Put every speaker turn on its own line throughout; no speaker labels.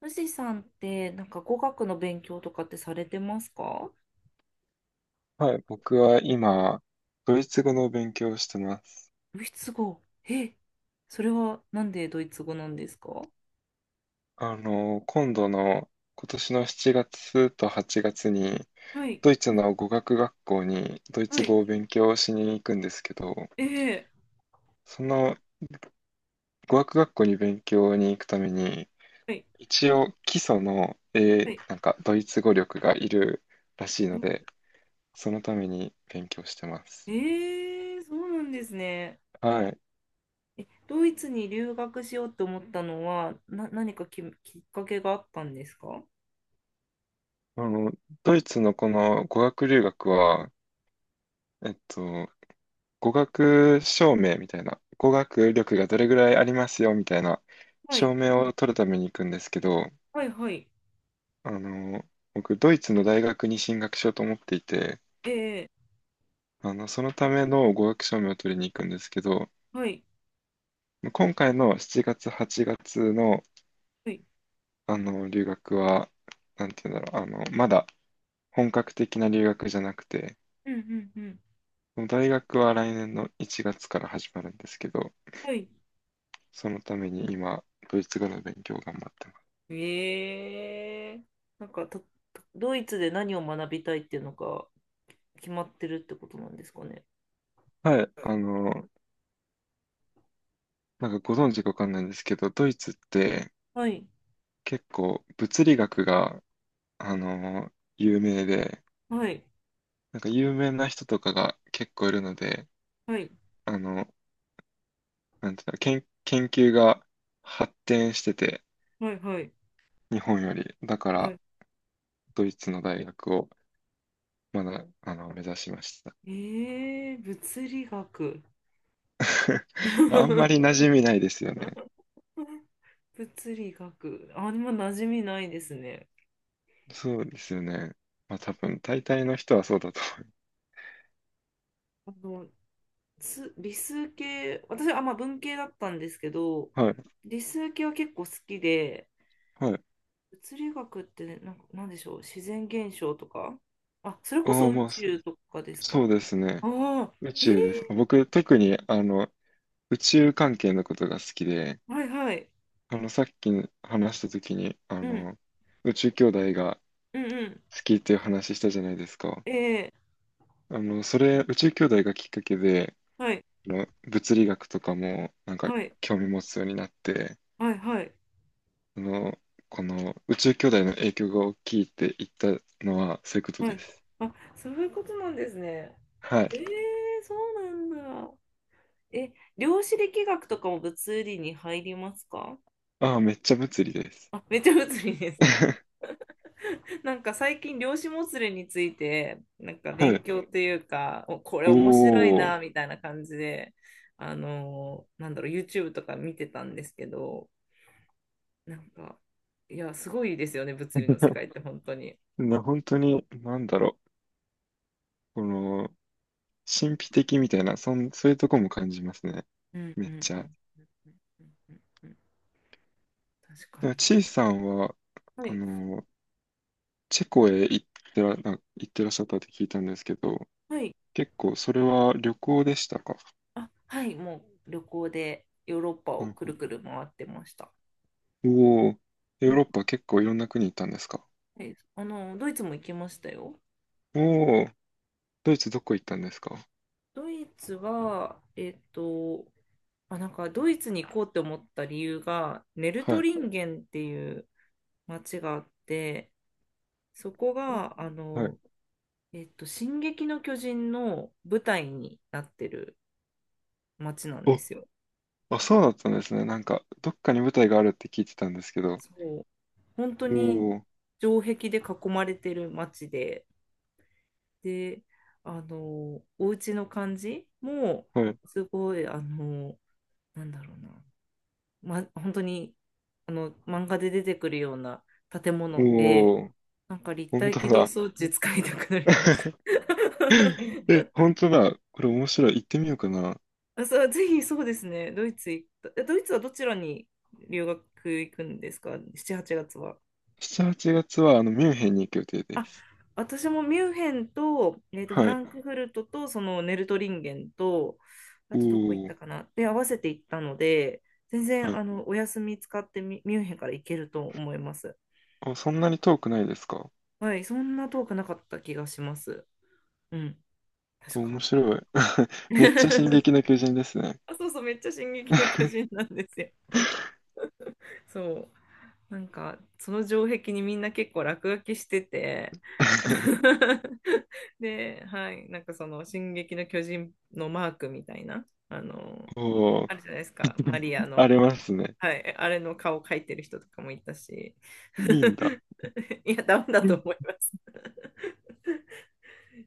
富士山ってなんか語学の勉強とかってされてますか？
はい、僕は今、ドイツ語の勉強をしてます。
ドイツ語。え、それはなんでドイツ語なんですか？
今度の、今年の7月と8月に、
はい、
ドイツの語学学校にドイ
は
ツ
い、
語を勉強しに行くんですけど、
ええ。
その語学学校に勉強に行くために、
はい、
一応基礎の、
はい。
なんかドイツ語力がいるらしいの
ん。
で、そのために勉強してます。
ええ、そうなんですね。
はい。
ドイツに留学しようと思ったのは、何かきっかけがあったんですか？は
あの、ドイツのこの語学留学は、えっと、語学証明みたいな、語学力がどれぐらいありますよみたいな
い、
証明を取るために行くんですけど、
はい、はい、
あの、僕、ドイツの大学に進学しようと思っていて、
ええ。
そのための語学証明を取りに行くんですけど、
はい、
今回の7月、8月の、
はい、
留学は、なんていうんだろう、まだ本格的な留学じゃなくて、
うんうんうん。
大学は来年の1月から始まるんですけど、
はい。
そのために今、ドイツ語の勉強を頑張ってます。
ええ、なんかとドイツで何を学びたいっていうのが決まってるってことなんですかね。
はい、なんかご存知かわかんないんですけど、ドイツって
はい、
結構物理学が、あの有名で、
はい、
なんか有名な人とかが結構いるので、
はい、
あの、なんていうの、研究が発展してて、
はい、はい、
日本より。だか
は
ら、
い。
ドイツの大学をまだ、目指しました。
ええ、物理学。
あんまり 馴染みないですよね。
物理学。あ、今馴染みないですね。
そうですよね。まあ多分、大体の人はそうだと
あの、理数系、私は、あ、まあ、文系だったんですけど、
思う。はい。
理数系は結構好きで、
はい。
物理学ってなんか、なんでしょう、自然現象とか、あ、それこ
あ
そ
あ、
宇
まあ、そ
宙とかですか？
そうですね。
ああ、
宇
えー、
宙です。僕、特に、宇宙関係のことが好きで、
はい、はい。
さっき話した時に、
うん、
宇宙兄弟が
うんうん。
好きっていう話したじゃないですか。
え
それ、宇宙兄弟がきっかけで、
はい、
物理学とかも、なんか、
はい、
興味持つようになって、
はい、はい、
あの、この宇宙兄弟の影響が大きいって言ったのは、そういうこと
は
で
い。
す。
あ、そういうことなんですね。
はい。
えーそうなんだ。え、量子力学とかも物理に入りますか？
ああ、めっちゃ物理です。
あ、めっちゃ物理ですな。なんか最近量子もつれについてなんか
は
勉
い。
強というか、お、これ面白い
おー。
なみたいな感じで、なんだろう、 YouTube とか見てたんですけど、なんか、いや、すごいですよね、物理の世 界って本当に。
本当に、なんだろう。この、神秘的みたいな、そういうとこも感じますね。
うん
め
うんう
っ
ん
ち
う
ゃ。
んうんうんうん。確か
で
に。
もチーさんは、
は
あ
い、
の、チェコへ行ってらっしゃったって聞いたんですけど、
はい、
結構それは旅行でしたか？
あ、はい、もう旅行でヨーロッパ
う
を
ん、
くるくる回ってました。
うん。おおー、
う
ヨー
ん、
ロッパ結構いろんな国行ったんですか？
はい、あの、ドイツも行きましたよ。
おおー、ドイツどこ行ったんですか？
ドイツは、あ、なんかドイツに行こうって思った理由が、ネル
は
ト
い、
リンゲンっていう町があって、そこが、
はい。
進撃の巨人の舞台になってる町なんで
お、
すよ。
あ、そうだったんですね。なんか、どっかに舞台があるって聞いてたんですけど。
そう。本当
お
に
お、
城壁で囲まれてる町で、で、あの、お家の感じも、
はい。
すごい、あの、なんだろうな、ま、本当に、あの、漫画で出てくるような建物で、
おお、
なんか立
本
体
当
起動
だ。
装置使いたくなりました。
え、本当だ。これ面白い。行ってみようかな。
あ、そう、ぜひそうですね。ドイツ行った。え、ドイツはどちらに留学行くんですか？ 7、8月は。
7、8月は、ミュンヘンに行く予定で
あ、
す。
私もミュンヘンと、フ
は
ラ
い。
ンクフルトと、そのネルトリンゲンと、あとどこ行っ
お
たかなで、合わせて行ったので、全
お。は
然、
い。
あの、お休み使ってミュンヘンから行けると思います。
あ、そんなに遠くないですか？
はい、そんな遠くなかった気がします。うん、確
面
か。
白い。めっちゃ進撃 の巨人ですね。
あ、そうそう、めっちゃ進撃の巨人なんですよ。そう、なんか、その城壁にみんな結構落書きしてて、 で、はい、なんか、その「進撃の巨人」のマークみたいな、あの、
おお。
あるじゃないですか、マリア
あ
の、
り
あの、
ますね。
はい、あれの顔描いてる人とかもいたし、
いいんだ。
いや、ダメだ
う
と
ん。
思います。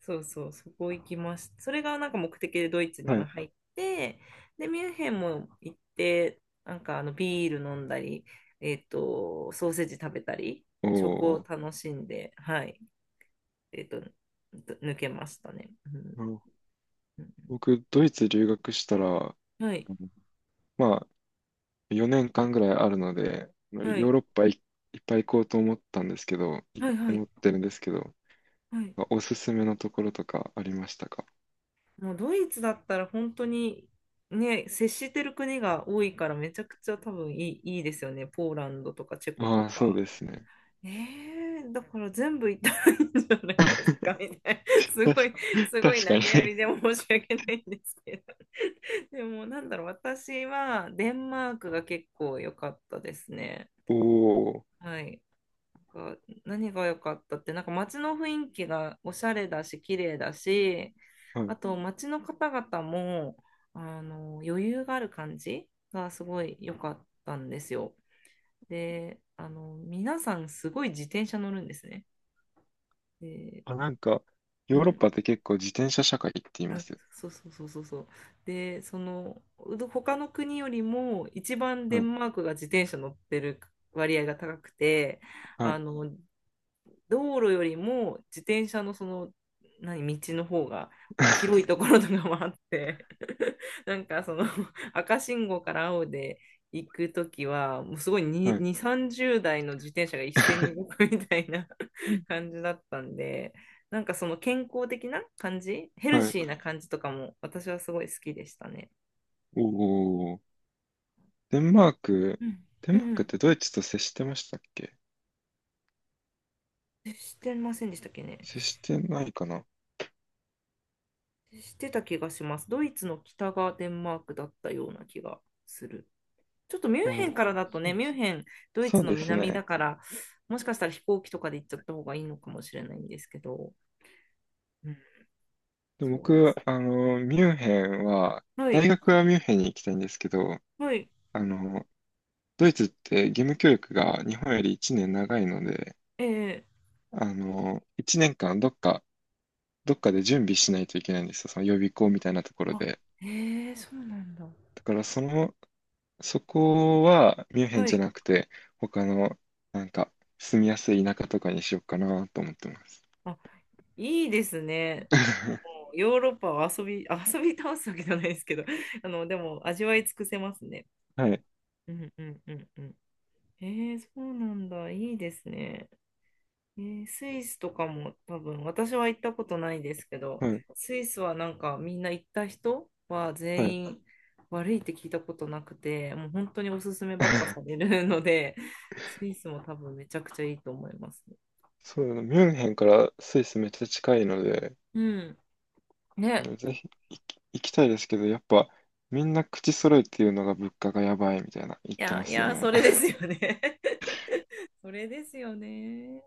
そうそう、そこ行きました。それがなんか目的でドイツに
は
は
い。
入って、で、ミュンヘンも行って、なんかあのビール飲んだり、ソーセージ食べたり、
お
食を
お。
楽しんで、はい、えっと、抜けましたね。うん
あの
うん、
僕、ドイツ留学したら、
はい、
うん。まあ、4年間ぐらいあるので、ヨ
は
ー
い、
ロッパいっぱい行こうと思ったんですけど、
はい、は
思
い、
ってるんですけど、
はい。
おすすめのところとかありましたか？
もうドイツだったら本当にね、接してる国が多いからめちゃくちゃ多分いいですよね。ポーランドとかチェコと
ああー、そう
か。
ですね。
ね、え、だから全部いったらいいんじゃないです か、 みたいな。すごい、す
た
ごい
し確
投げ
か
や
にね。
りで申し訳ないんですけど。でも、なんだろう、私はデンマークが結構良かったですね。
おお。
はい。なんか、何が良かったって、なんか街の雰囲気がおしゃれだし、綺麗だし、
は
あ
い。
と街の方々も、余裕がある感じがすごい良かったんですよ。で、皆さんすごい自転車乗るんですね。で、
あ、なんか、
う
ヨーロッ
ん、
パって結構自転車社会って言いま
あ、
すよ。
そうそうそうそうそう。で、その、他の国よりも一番デ
はい。
ンマークが自転車乗ってる割合が高くて、
は
あ
い。
の、道路よりも自転車のその何道の方が広い ところとかもあって、 なんかその赤信号から青で行くときはもうすごい
は
2、
い。
2、30台の自転車が一斉に動くみたいな
うん。
感じだったんで、なんかその健康的な感じ、ヘル
はい。
シーな感じとかも私はすごい好きでしたね。
おお。デンマーク、
うん
デ
う
ンマークっ
ん、
てドイツと接してましたっけ？
してませんでしたっけね。
接してないかな。
してた気がします。ドイツの北がデンマークだったような気がする。ちょっとミュン
お
ヘンか
お
ら
ー、
だと
そ
ね、
うで
ミュン
す。
ヘン、ドイ
そ
ツ
う
の
です
南
ね。
だから、もしかしたら飛行機とかで行っちゃった方がいいのかもしれないんですけど、うん、
で、
そうで
僕、
す。
ミュンヘンは、
は
大
い、
学はミュンヘンに行きたいんですけど、
はい、
あの、ドイツって義務教育が日本より1年長いので、
え
1年間どっかで準備しないといけないんですよ。その予備校みたいなところ
あ、
で。
えそうなんだ。
だからその、そこはミュンヘン
は
じゃ
い、
なくて、他の、なんか、住みやすい田舎とかにしようかなと思ってます。
あ、いいですね。もうヨーロッパは遊び、あ、遊び倒すわけじゃないですけど、でも味わい尽くせますね。
はい、
うんうんうんうん。えそうなんだ。いいですね。ね、スイスとかも多分、私は行ったことないですけど、
はい、
スイスはなんかみんな行った人は
はい。
全員悪いって聞いたことなくて、もう本当におすすめばっかさ れるので、スイスも多分めちゃくちゃいいと思います。
そうだな、ミュンヘンからスイスめっちゃ近いので、
うん。ね。
ぜひ行きたいですけど、やっぱみんな口揃えて言うのが物価がやばいみたいな言っ
い
て
や、
ま
い
すよ
や、そ
ね。
れですよね。それですよね。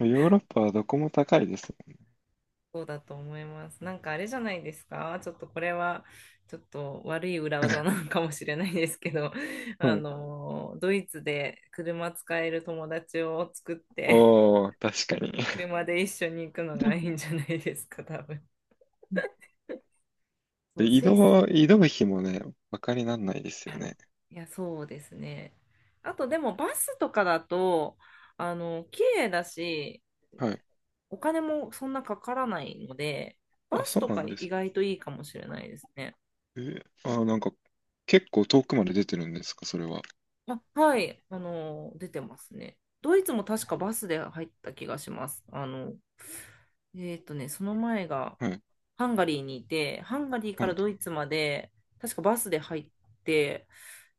ヨーロッパはどこも高いです。
そうだと思います。なんかあれじゃないですか。ちょっとこれは、ちょっと悪い裏技なのかもしれないですけど、
うん。
ドイツで車使える友達を作って、
おー、確かに。
車で一緒に行くのがいいんじゃないですか、多分。そ
で、
う、スイス。
移動費もね、バカになんないですよ
あ、
ね。
いや、そうですね。あと、でもバスとかだと、綺麗だし、
はい。
お金もそんなかからないので、
あ、
バス
そう
と
な
か
んで
意
す。
外といいかもしれないですね。
え、あ、なんか、結構遠くまで出てるんですか、それは。
あ、はい、出てますね。ドイツも確かバスで入った気がします。ね、その前が
はい。
ハンガリーにいて、ハンガリー
は
から
い。
ドイツまで、確かバスで入って、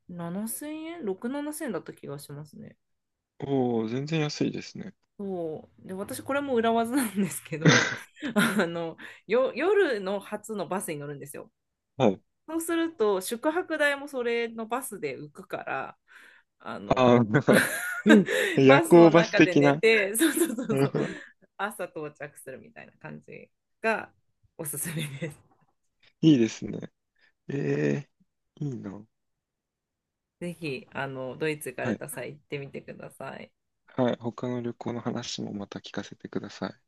7000円？ 6、7000円だった気がしますね。
おー、全然安いですね。
そう。で、私、これも裏技なんですけど、あの、夜の初のバスに乗るんですよ。
はい。
そうすると、宿泊代もそれのバスで浮くから、あ の、
だから、うん。 夜
バスの
行バス
中で
的
寝
な。
て、そうそう そう
なる
そう、
ほど。
朝到着するみたいな感じがおすすめです。
いいですね。えいいな。
ぜひ、ドイツ行か
は
れ
い。
た際行ってみてください。
はい。他の旅行の話もまた聞かせてください。